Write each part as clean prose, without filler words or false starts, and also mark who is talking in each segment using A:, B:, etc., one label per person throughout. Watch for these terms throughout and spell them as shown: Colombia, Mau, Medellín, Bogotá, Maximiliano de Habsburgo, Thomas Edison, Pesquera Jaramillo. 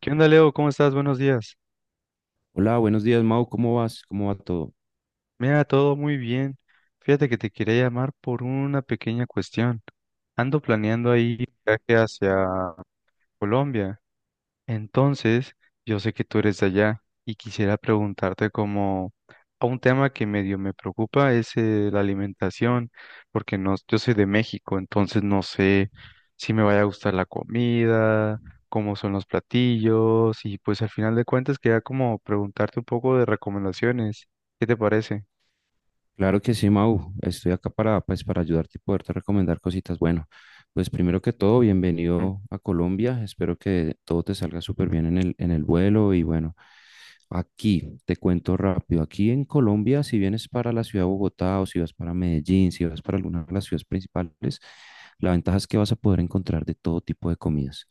A: ¿Qué onda, Leo? ¿Cómo estás? Buenos días.
B: Hola, buenos días, Mau. ¿Cómo vas? ¿Cómo va todo?
A: Mira, todo muy bien. Fíjate que te quería llamar por una pequeña cuestión. Ando planeando ahí un viaje hacia Colombia. Entonces, yo sé que tú eres de allá y quisiera preguntarte, como a un tema que medio me preocupa es la alimentación, porque no, yo soy de México, entonces no sé si me vaya a gustar la comida, cómo son los platillos y pues al final de cuentas quería como preguntarte un poco de recomendaciones. ¿Qué te parece?
B: Claro que sí, Mau. Estoy acá para, pues, para ayudarte y poderte recomendar cositas. Bueno, pues primero que todo,
A: Mm,
B: bienvenido a Colombia. Espero que todo te salga súper bien en en el vuelo. Y bueno, aquí te cuento rápido. Aquí en Colombia, si vienes para la ciudad de Bogotá o si vas para Medellín, si vas para alguna de las ciudades principales, la ventaja es que vas a poder encontrar de todo tipo de comidas.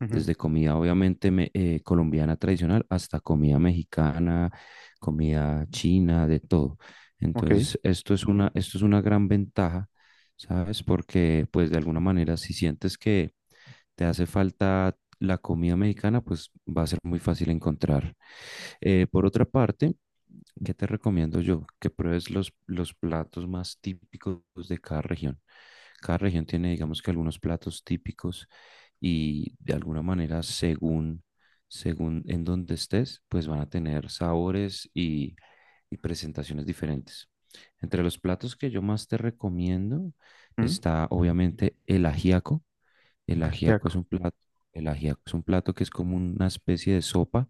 A: ujú,
B: Desde comida, obviamente, colombiana tradicional hasta comida mexicana, comida china, de todo.
A: ok.
B: Entonces, esto es una gran ventaja, ¿sabes? Porque, pues, de alguna manera, si sientes que te hace falta la comida mexicana, pues va a ser muy fácil encontrar. Por otra parte, ¿qué te recomiendo yo? Que pruebes los platos más típicos de cada región. Cada región tiene, digamos que, algunos platos típicos y, de alguna manera, según en donde estés, pues van a tener sabores y presentaciones diferentes. Entre los platos que yo más te recomiendo
A: Mm,
B: está obviamente el ajiaco. El ajiaco
A: ajiaco.
B: es un plato, el ajiaco es un plato que es como una especie de sopa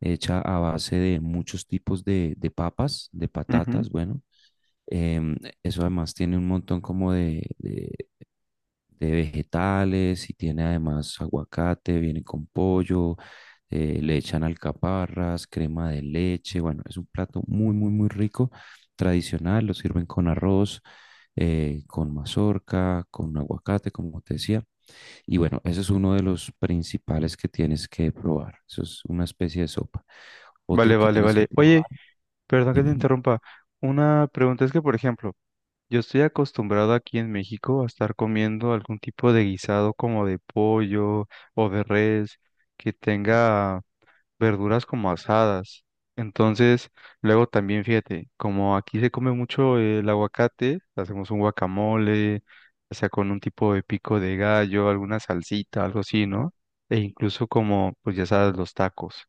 B: hecha a base de muchos tipos de papas, de
A: Ujú.
B: patatas, bueno. Em, Eso además tiene un montón como de, de vegetales y tiene además aguacate, viene con pollo, le echan alcaparras, crema de leche, bueno, es un plato muy, muy, muy rico, tradicional, lo sirven con arroz, con mazorca, con aguacate, como te decía, y bueno, ese es uno de los principales que tienes que probar, eso es una especie de sopa.
A: Vale,
B: Otro que
A: vale,
B: tienes que
A: vale. Oye,
B: probar,
A: perdón que te
B: dime.
A: interrumpa. Una pregunta es que, por ejemplo, yo estoy acostumbrado aquí en México a estar comiendo algún tipo de guisado como de pollo o de res que tenga verduras como asadas. Entonces, luego también fíjate, como aquí se come mucho el aguacate, hacemos un guacamole, o sea, con un tipo de pico de gallo, alguna salsita, algo así, ¿no? E incluso, como pues ya sabes, los tacos.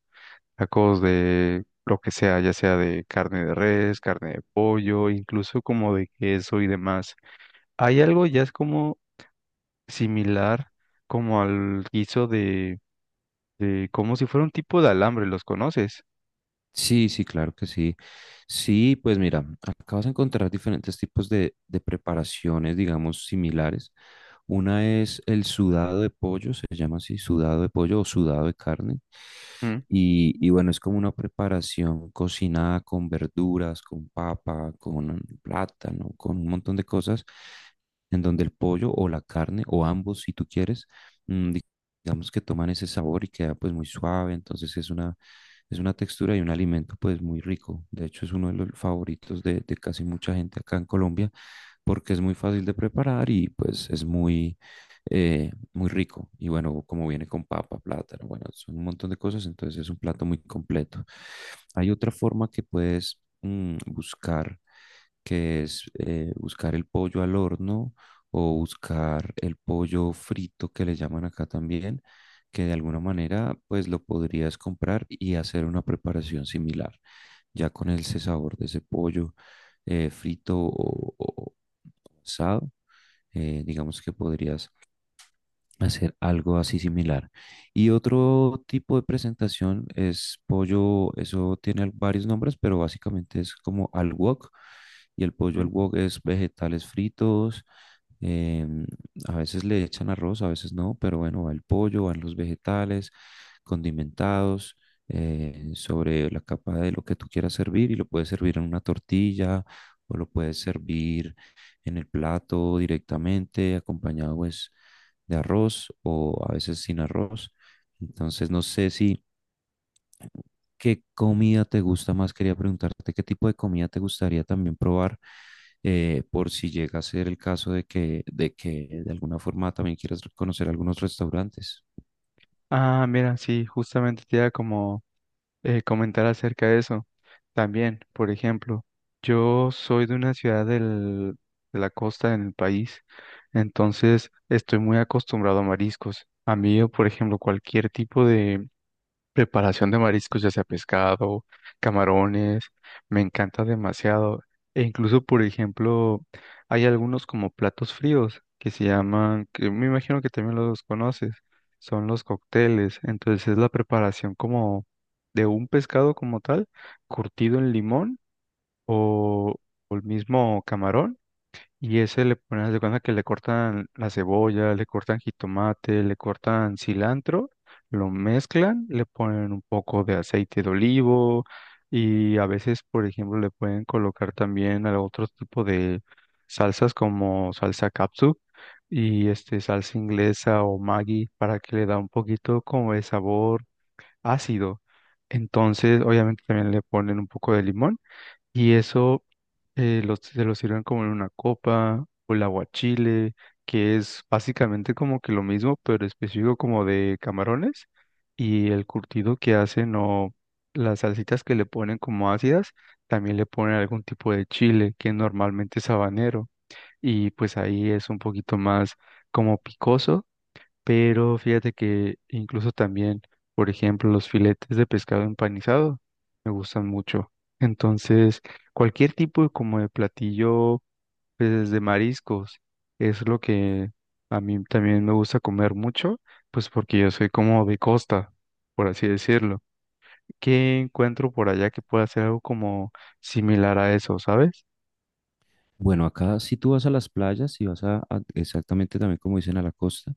A: Tacos de lo que sea, ya sea de carne de res, carne de pollo, incluso como de queso y demás. Hay algo ya es como similar, como al guiso de como si fuera un tipo de alambre, ¿los conoces?
B: Sí, sí, claro que sí. Sí, pues mira, acá vas a encontrar diferentes tipos de preparaciones, digamos, similares. Una es el sudado de pollo, se llama así, sudado de pollo o sudado de carne.
A: Mm,
B: Y, bueno, es como una preparación cocinada con verduras, con papa, con plátano, con un montón de cosas, en donde el pollo o la carne, o ambos, si tú quieres, mm, digamos que toman ese sabor y queda pues muy suave, entonces es una textura y un alimento pues muy rico. De hecho es uno de los favoritos de casi mucha gente acá en Colombia porque es muy fácil de preparar y pues es muy, muy rico. Y bueno, como viene con papa, plátano, bueno, son un montón de cosas, entonces es un plato muy completo. Hay otra forma que puedes buscar, que es buscar el pollo al horno o buscar el pollo frito que le llaman acá también, que de alguna manera pues lo podrías comprar y hacer una preparación similar, ya con ese sabor de ese pollo frito o asado, digamos que podrías hacer algo así similar. Y otro tipo de presentación es pollo, eso tiene varios nombres, pero básicamente es como al wok. Y el pollo al
A: mm.
B: wok es vegetales fritos. Em, a veces le echan arroz, a veces no, pero bueno, va el pollo, van los vegetales condimentados sobre la capa de lo que tú quieras servir, y lo puedes servir en una tortilla o lo puedes servir en el plato directamente, acompañado pues de arroz o a veces sin arroz. Entonces no sé si ¿qué comida te gusta más? Quería preguntarte qué tipo de comida te gustaría también probar, por si llega a ser el caso de que, de que de alguna forma también quieras conocer algunos restaurantes.
A: Ah, mira, sí, justamente te da como comentar acerca de eso. También, por ejemplo, yo soy de una ciudad de la costa en el país, entonces estoy muy acostumbrado a mariscos. A mí, por ejemplo, cualquier tipo de preparación de mariscos, ya sea pescado, camarones, me encanta demasiado. E incluso, por ejemplo, hay algunos como platos fríos que se llaman, que me imagino que también los conoces, son los cócteles. Entonces es la preparación como de un pescado como tal, curtido en limón o, o el mismo camarón, y ese le ponen, haz de cuenta que le cortan la cebolla, le cortan jitomate, le cortan cilantro, lo mezclan, le ponen un poco de aceite de olivo y a veces, por ejemplo, le pueden colocar también a otro tipo de salsas como salsa capsu y este salsa inglesa o Maggi para que le da un poquito como de sabor ácido. Entonces, obviamente también le ponen un poco de limón. Y eso, se lo sirven como en una copa o el aguachile, que es básicamente como que lo mismo, pero específico como de camarones. Y el curtido que hacen o las salsitas que le ponen como ácidas, también le ponen algún tipo de chile que normalmente es habanero. Y pues ahí es un poquito más como picoso, pero fíjate que incluso también, por ejemplo, los filetes de pescado empanizado me gustan mucho. Entonces, cualquier tipo de, como de platillo, pues de mariscos, es lo que a mí también me gusta comer mucho, pues porque yo soy como de costa, por así decirlo. ¿Qué encuentro por allá que pueda hacer algo como similar a eso, sabes?
B: Bueno, acá si tú vas a las playas, si vas a- exactamente también como dicen a la costa,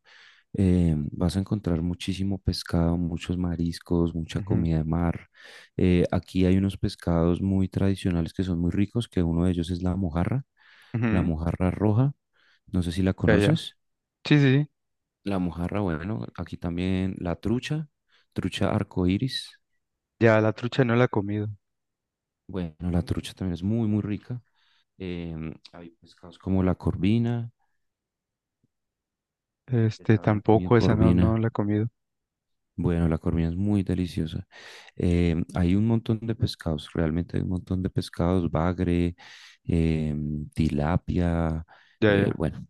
B: vas a encontrar muchísimo pescado, muchos mariscos, mucha
A: Ujú,
B: comida de mar. Aquí hay unos pescados muy tradicionales que son muy ricos, que uno de ellos es la
A: ujú.
B: mojarra roja. No sé si la
A: Ya, ya.
B: conoces.
A: Sí, sí, sí.
B: La mojarra, bueno, aquí también la trucha, trucha arcoíris.
A: Ya la trucha no la he comido.
B: Bueno, la trucha también es muy, muy rica. Hay pescados como la corvina, no sé si ya
A: Este,
B: han comido
A: tampoco esa no, no
B: corvina.
A: la he comido.
B: Bueno, la corvina es muy deliciosa. Hay un montón de pescados, realmente hay un montón de pescados, bagre, tilapia,
A: Ya, ya.
B: bueno.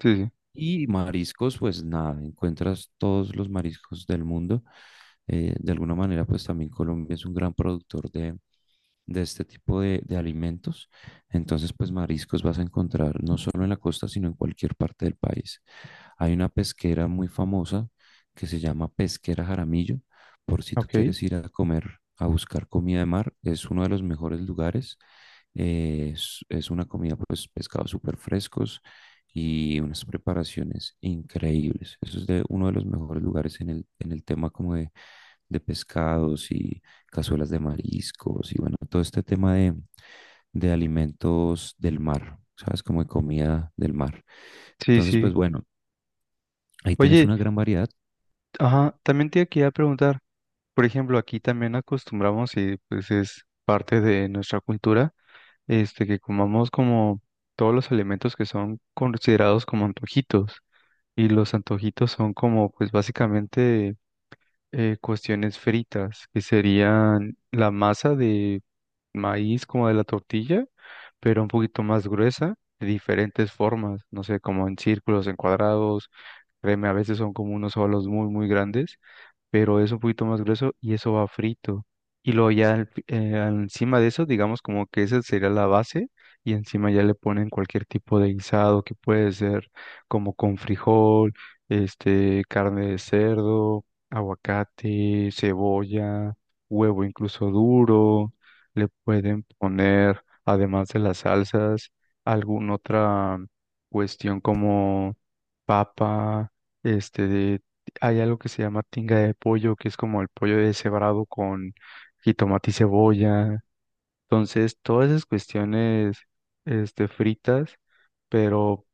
A: Sí, sí.
B: Y mariscos, pues nada, encuentras todos los mariscos del mundo. De alguna manera, pues también Colombia es un gran productor de este tipo de alimentos. Entonces, pues mariscos vas a encontrar no solo en la costa, sino en cualquier parte del país. Hay una pesquera muy famosa que se llama Pesquera Jaramillo, por si tú
A: Ok.
B: quieres ir a comer, a buscar comida de mar, es uno de los mejores lugares. Es una comida, pues, pescados súper frescos y unas preparaciones increíbles. Eso es de uno de los mejores lugares en en el tema como de pescados y, cazuelas de mariscos y bueno, todo este tema de alimentos del mar, ¿sabes? Como de comida del mar.
A: Sí,
B: Entonces, pues
A: sí.
B: bueno, ahí tienes
A: Oye,
B: una gran variedad.
A: ajá, también te quería preguntar, por ejemplo, aquí también acostumbramos y pues es parte de nuestra cultura, este, que comamos como todos los alimentos que son considerados como antojitos. Y los antojitos son como, pues básicamente cuestiones fritas, que serían la masa de maíz como de la tortilla, pero un poquito más gruesa, de diferentes formas, no sé, como en círculos, en cuadrados. Créeme, a veces son como unos solos muy, muy grandes, pero es un poquito más grueso y eso va frito. Y luego ya encima de eso, digamos como que esa sería la base, y encima ya le ponen cualquier tipo de guisado que puede ser como con frijol, este, carne de cerdo, aguacate, cebolla, huevo incluso duro. Le pueden poner, además de las salsas, alguna otra cuestión como papa, este, hay algo que se llama tinga de pollo, que es como el pollo deshebrado con jitomate y cebolla. Entonces, todas esas cuestiones, este, fritas, pero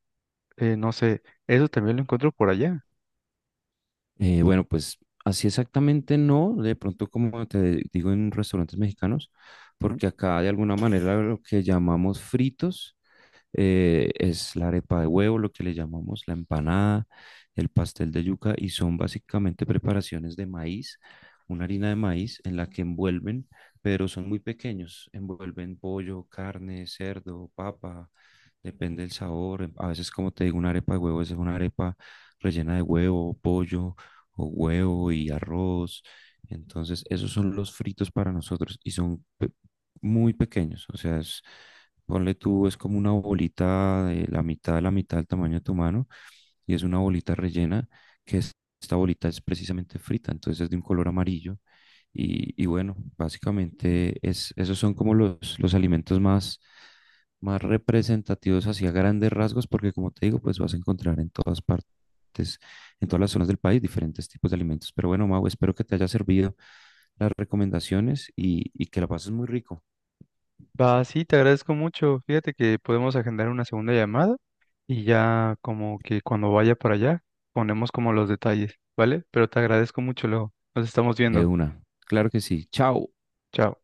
A: no sé, eso también lo encuentro por allá.
B: Bueno, pues así exactamente no, de pronto como te digo en restaurantes mexicanos,
A: ¿No?
B: porque acá de alguna manera lo que llamamos fritos es la arepa de huevo, lo que le llamamos la empanada, el pastel de yuca, y son básicamente preparaciones de maíz, una harina de maíz en la que envuelven, pero son muy pequeños, envuelven pollo, carne, cerdo, papa, depende del sabor. A veces, como te digo, una arepa de huevo es una arepa rellena de huevo, pollo o huevo y arroz. Entonces, esos son los fritos para nosotros y son muy pequeños, o sea, es, ponle tú, es como una bolita de la mitad del tamaño de tu mano, y es una bolita rellena que es- esta bolita es precisamente frita, entonces es de un color amarillo y, bueno, básicamente es, esos son como los alimentos más, más representativos hacia grandes rasgos porque como te digo, pues vas a encontrar en todas partes. En todas las zonas del país, diferentes tipos de alimentos. Pero bueno, Mau, espero que te haya servido las recomendaciones y, que la pases muy rico.
A: Va, sí, te agradezco mucho. Fíjate que podemos agendar una segunda llamada y ya como que cuando vaya para allá ponemos como los detalles, ¿vale? Pero te agradezco mucho, luego. Nos estamos
B: De
A: viendo.
B: una. Claro que sí. Chao.
A: Chao.